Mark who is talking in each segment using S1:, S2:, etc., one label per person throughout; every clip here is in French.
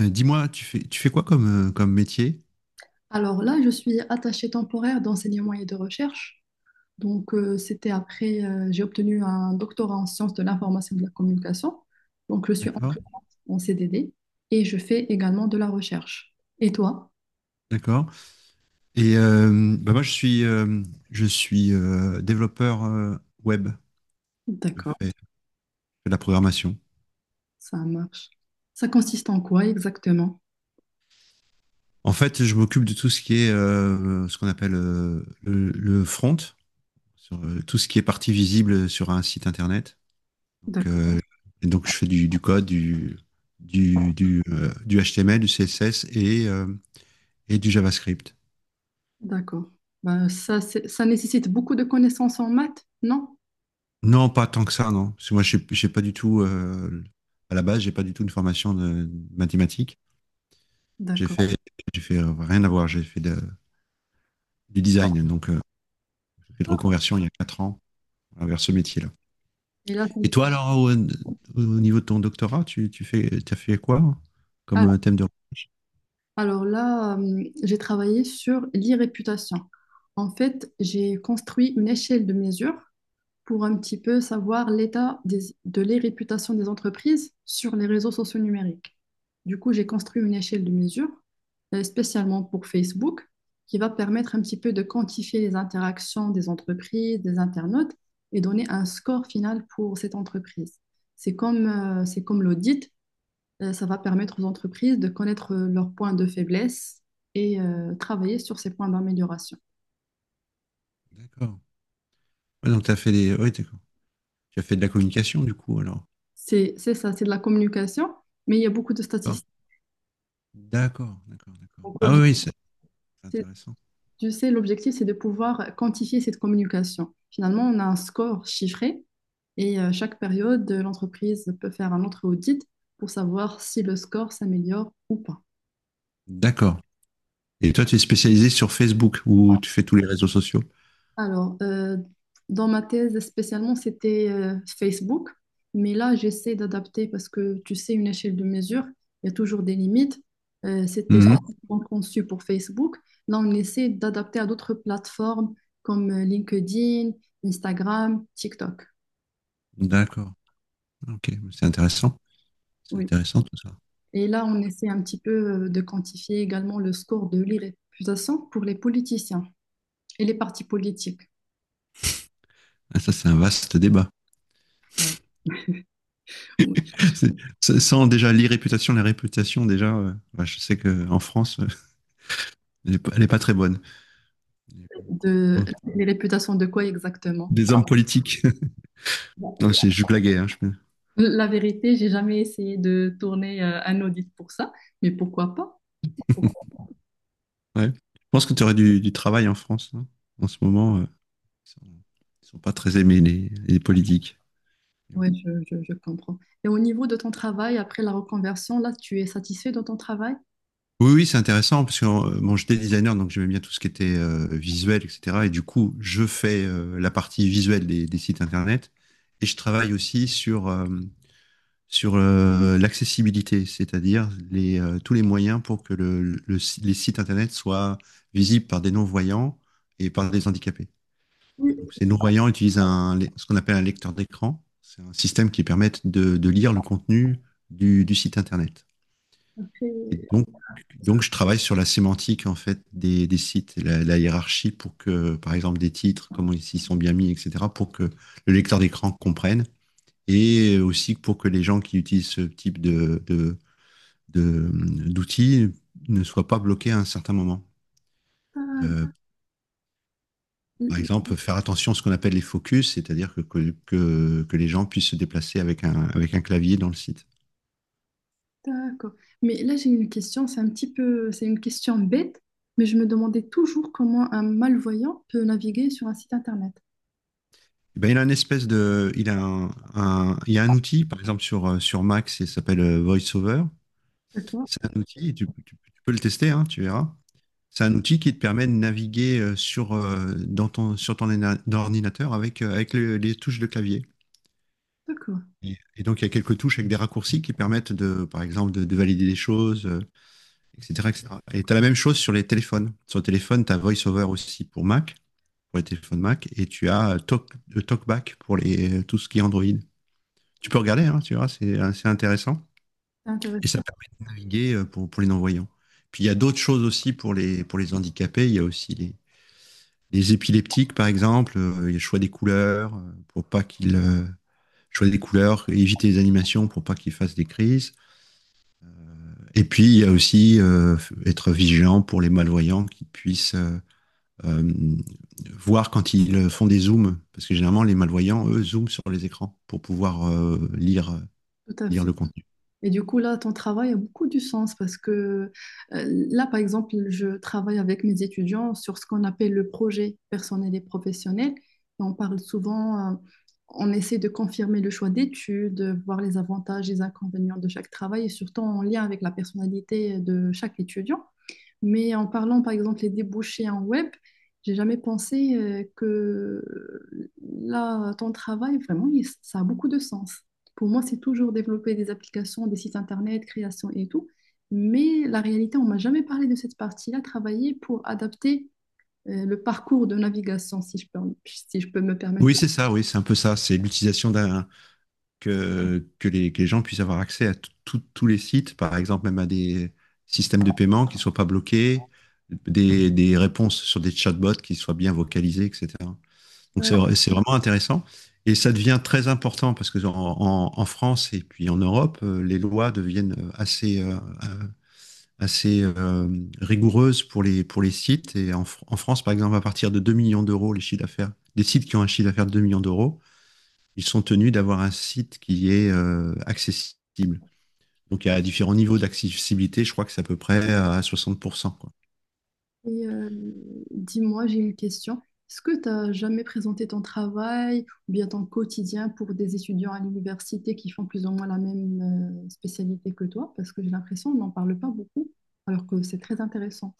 S1: Dis-moi, tu fais quoi comme, comme métier?
S2: Alors là, je suis attachée temporaire d'enseignement et de recherche. Donc, c'était après, j'ai obtenu un doctorat en sciences de l'information et de la communication. Donc, je suis en,
S1: D'accord,
S2: en CDD et je fais également de la recherche. Et toi?
S1: d'accord. Moi, je suis développeur web. Je
S2: D'accord,
S1: fais, je fais de la programmation.
S2: ça marche. Ça consiste en quoi exactement?
S1: En fait, je m'occupe de tout ce qui est ce qu'on appelle le front, sur tout ce qui est partie visible sur un site internet. Donc, euh,
S2: D'accord,
S1: et donc je fais du code, du HTML, du CSS et du JavaScript.
S2: d'accord. Ben, ça, ça nécessite beaucoup de connaissances en maths, non?
S1: Non, pas tant que ça, non. Parce que j'ai pas du tout une formation de mathématiques. J'ai
S2: D'accord.
S1: fait, j'ai fait Rien à voir. Du design, donc j'ai fait de reconversion il y a 4 ans vers ce métier-là.
S2: Et là, c'est-
S1: Et toi, alors, au niveau de ton doctorat, t'as fait quoi comme thème de recherche?
S2: Alors là, j'ai travaillé sur l'irréputation. En fait, j'ai construit une échelle de mesure pour un petit peu savoir l'état de l'irréputation des entreprises sur les réseaux sociaux numériques. Du coup, j'ai construit une échelle de mesure spécialement pour Facebook qui va permettre un petit peu de quantifier les interactions des entreprises, des internautes et donner un score final pour cette entreprise. C'est comme l'audit, ça va permettre aux entreprises de connaître leurs points de faiblesse et travailler sur ces points d'amélioration.
S1: D'accord. Ouais, d'accord. Tu as fait de la communication, du coup, alors.
S2: C'est ça, c'est de la communication, mais il y a beaucoup de
S1: D'accord,
S2: statistiques.
S1: d'accord, d'accord, d'accord.
S2: Donc,
S1: Ah oui,
S2: l'objectif,
S1: oui, c'est
S2: c'est-
S1: intéressant.
S2: tu sais, l'objectif, c'est de pouvoir quantifier cette communication. Finalement, on a un score chiffré et chaque période, l'entreprise peut faire un autre audit pour savoir si le score s'améliore ou pas.
S1: D'accord. Et toi, tu es spécialisé sur Facebook ou tu fais tous les réseaux sociaux?
S2: Alors, dans ma thèse spécialement, c'était Facebook, mais là, j'essaie d'adapter parce que tu sais, une échelle de mesure, il y a toujours des limites. C'était
S1: Mmh.
S2: spécialement conçu pour Facebook. Là, on essaie d'adapter à d'autres plateformes comme LinkedIn, Instagram, TikTok.
S1: D'accord. Ok, c'est intéressant. C'est
S2: Oui.
S1: intéressant tout ça.
S2: Et là, on essaie un petit peu de quantifier également le score de l'irréputation pour les politiciens et les partis politiques.
S1: Ah, ça, c'est un vaste débat.
S2: Ouais.
S1: C'est- Sans déjà l'irréputation, la réputation, déjà, je sais qu'en France, elle est pas très bonne.
S2: De,
S1: Bon.
S2: les réputations de quoi exactement?
S1: Des hommes politiques. Non, c'est- Je blaguais, hein, je...
S2: La vérité, j'ai jamais essayé de tourner un audit pour ça, mais pourquoi pas?
S1: Ouais. Je pense que tu aurais du travail en France, hein. En ce moment, ils sont, ils sont pas très aimés, les politiques.
S2: Oui, je comprends. Et au niveau de ton travail, après la reconversion, là, tu es satisfait de ton travail?
S1: Oui, oui, c'est intéressant parce que bon, j'étais designer, donc j'aimais bien tout ce qui était visuel, etc. Et du coup, je fais la partie visuelle des sites internet et je travaille aussi sur l'accessibilité, c'est-à-dire les tous les moyens pour que le si- les sites internet soient visibles par des non-voyants et par des handicapés.
S2: Oui,
S1: Donc, ces non-voyants utilisent ce qu'on appelle un lecteur d'écran. C'est un système qui permet de lire le contenu du site internet.
S2: après,
S1: Et donc, donc, je travaille sur la sémantique en fait des sites, la hiérarchie pour que, par exemple, des titres, comment ils s'y sont bien mis, etc., pour que le lecteur d'écran comprenne, et aussi pour que les gens qui utilisent ce type de- d'outils ne soient pas bloqués à un certain moment. Euh, Par
S2: D'accord.
S1: exemple, faire attention à ce qu'on appelle les focus, c'est-à-dire que les gens puissent se déplacer avec un clavier dans le site.
S2: D'accord. Mais là, j'ai une question, c'est un petit peu, c'est une question bête, mais je me demandais toujours comment un malvoyant peut naviguer sur un site internet.
S1: Ben, il a une espèce de, il a un- Il y a un outil, par exemple sur Mac, ça s'appelle VoiceOver.
S2: D'accord,
S1: C'est un outil, tu peux le tester, hein, tu verras. C'est un outil qui te permet de naviguer sur ton ordinateur avec les touches de clavier.
S2: d'accord.
S1: Et donc, il y a quelques touches avec des raccourcis qui permettent, par exemple, de valider des choses, etc., etc., et cetera. Et tu as la même chose sur les téléphones. Sur le téléphone, tu as VoiceOver aussi pour Mac, pour les téléphones Mac, et tu as TalkBack pour tout ce qui est Android. Tu peux regarder, hein, tu vois, c'est assez intéressant.
S2: C'est
S1: Et ça
S2: intéressant,
S1: permet de naviguer pour les non-voyants. Puis il y a d'autres choses aussi pour pour les handicapés. Il y a aussi les épileptiques, par exemple. Il y a le choix des couleurs, éviter les animations pour pas qu'ils fassent des crises. Et puis il y a aussi être vigilant pour les malvoyants qui puissent euh, voir quand ils font des zooms, parce que généralement les malvoyants eux zooment sur les écrans pour pouvoir
S2: tout à
S1: lire
S2: fait.
S1: le contenu.
S2: Et du coup, là, ton travail a beaucoup du sens parce que là, par exemple, je travaille avec mes étudiants sur ce qu'on appelle le projet personnel et professionnel. Et on parle souvent, on essaie de confirmer le choix d'études, voir les avantages et les inconvénients de chaque travail et surtout en lien avec la personnalité de chaque étudiant. Mais en parlant, par exemple, les débouchés en web, j'ai jamais pensé que là, ton travail, vraiment, ça a beaucoup de sens. Pour moi, c'est toujours développer des applications, des sites internet, création et tout. Mais la réalité, on m'a jamais parlé de cette partie-là, travailler pour adapter le parcours de navigation, si je peux, me permettre.
S1: Oui, c'est ça, oui, c'est un peu ça. C'est l'utilisation d'un que que les gens puissent avoir accès à tous les sites, par exemple même à des systèmes de paiement qui ne soient pas bloqués, des réponses sur des chatbots qui soient bien vocalisées, etc. Donc c'est vraiment intéressant. Et ça devient très important parce que en France et puis en Europe, les lois deviennent assez rigoureuses pour pour les sites. Et en France, par exemple, à partir de 2 millions d'euros, les chiffres d'affaires, des sites qui ont un chiffre d'affaires de 2 millions d'euros, ils sont tenus d'avoir un site qui est accessible. Donc, il y a différents niveaux d'accessibilité, je crois que c'est à peu près à 60%, quoi.
S2: Et dis-moi, j'ai une question. Est-ce que tu as jamais présenté ton travail ou bien ton quotidien pour des étudiants à l'université qui font plus ou moins la même spécialité que toi? Parce que j'ai l'impression qu'on n'en parle pas beaucoup, alors que c'est très intéressant.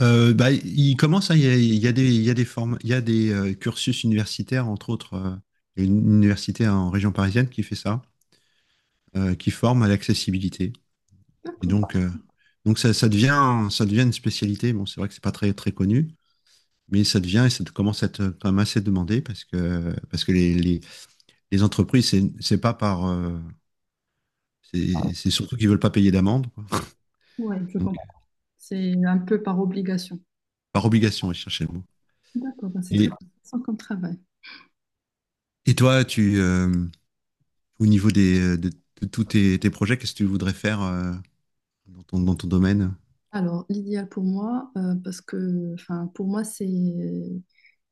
S1: Il commence, hein, il y a des, il y a des, formes, il y a des cursus universitaires, entre autres, une université en région parisienne qui fait ça, qui forme à l'accessibilité. Et
S2: D'accord.
S1: donc, euh, donc ça, ça, devient, ça devient une spécialité. Bon, c'est vrai que c'est pas très connu, mais ça devient et ça commence à être quand même assez demandé parce que les entreprises, c'est surtout qu'ils veulent pas payer d'amende, quoi.
S2: Ouais, je
S1: Donc,
S2: comprends. C'est un peu par obligation.
S1: par obligation, ils cherchaient le mot.
S2: D'accord, ben c'est très
S1: Et,
S2: intéressant comme travail.
S1: et toi, au niveau de tous tes projets, qu'est-ce que tu voudrais faire dans dans ton domaine?
S2: Alors, l'idéal pour moi, parce que enfin, pour moi, c'est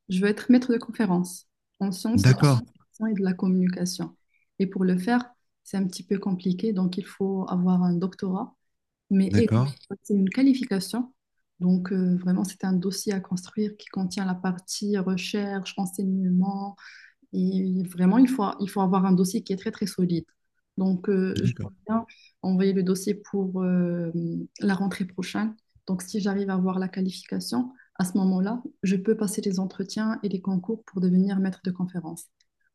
S2: je veux être maître de conférence en sciences de
S1: D'accord,
S2: l'information et de la communication. Et pour le faire, c'est un petit peu compliqué, donc il faut avoir un doctorat, mais
S1: d'accord,
S2: c'est une qualification. Donc vraiment, c'est un dossier à construire qui contient la partie recherche, enseignement, et vraiment, il faut avoir un dossier qui est très, très solide. Donc, je pense
S1: d'accord,
S2: bien envoyer le dossier pour la rentrée prochaine. Donc, si j'arrive à avoir la qualification, à ce moment-là, je peux passer les entretiens et les concours pour devenir maître de conférence.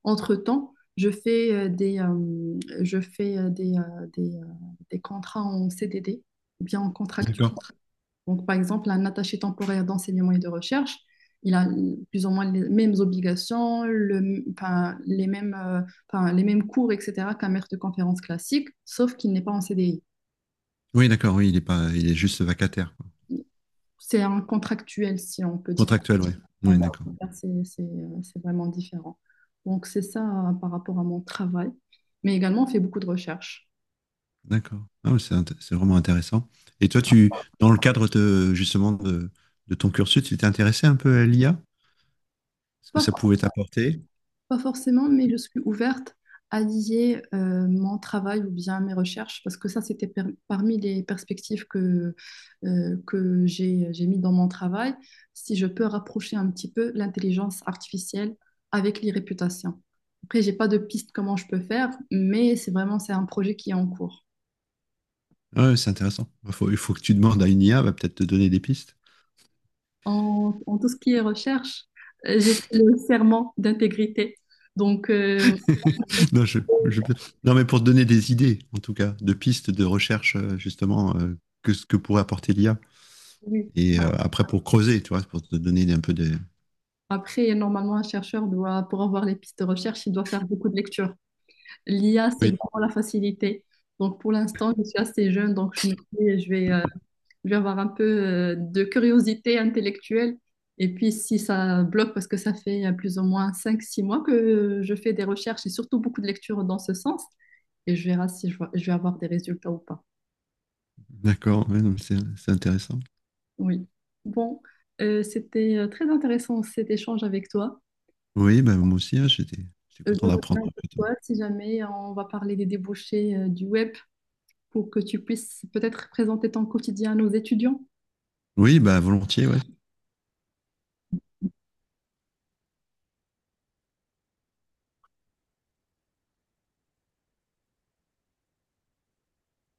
S2: Entre-temps, je fais des contrats en CDD, ou bien en contractuel.
S1: d'accord.
S2: Donc, par exemple, un attaché temporaire d'enseignement et de recherche, il a plus ou moins les mêmes obligations, enfin, les mêmes cours, etc., qu'un maître de conférence classique, sauf qu'il n'est pas en CDI.
S1: Oui, d'accord, oui, il est pas, il est juste vacataire, quoi.
S2: C'est un contractuel, si on peut dire.
S1: Contractuel, oui. Oui, d'accord,
S2: C'est c'est c'est vraiment différent. Donc, c'est ça par rapport à mon travail. Mais également, on fait beaucoup de recherches.
S1: d'accord. Ah, ouais, c'est vraiment intéressant. Et toi, tu, dans le cadre de, justement de ton cursus, tu t'es intéressé un peu à l'IA? Ce que
S2: Pas
S1: ça pouvait t'apporter.
S2: Pas forcément, mais je suis ouverte à lier mon travail ou bien mes recherches, parce que ça, c'était parmi les perspectives que j'ai mis dans mon travail, si je peux rapprocher un petit peu l'intelligence artificielle avec les réputations. Après, j'ai pas de piste comment je peux faire, mais c'est un projet qui est en cours.
S1: Ah ouais, c'est intéressant. Il faut que tu demandes à une IA, elle va peut-être te donner des pistes.
S2: En tout ce qui est recherche, j'ai fait le serment d'intégrité. Donc,
S1: Non, je, je- non, mais pour te donner des idées, en tout cas, de pistes de recherche, que ce que pourrait apporter l'IA.
S2: oui,
S1: Et après, pour creuser, tu vois, pour te donner un peu des...
S2: après, normalement, un chercheur doit, pour avoir les pistes de recherche, il doit faire beaucoup de lectures. L'IA, c'est
S1: Oui,
S2: vraiment la facilité. Donc, pour l'instant, je suis assez jeune, donc je me dis, je vais avoir un peu de curiosité intellectuelle. Et puis, si ça bloque, parce que ça fait plus ou moins 5, 6 mois que je fais des recherches et surtout beaucoup de lectures dans ce sens, et je verrai si je vais avoir des résultats ou pas.
S1: d'accord, ouais, non, mais c'est intéressant.
S2: Oui. Bon, c'était très intéressant cet échange avec toi.
S1: Oui, ben, moi aussi, hein, j'étais
S2: Je
S1: content d'apprendre.
S2: reviens vers toi si jamais on va parler des débouchés du web pour que tu puisses peut-être présenter ton quotidien à nos étudiants.
S1: Oui, bah volontiers, ouais.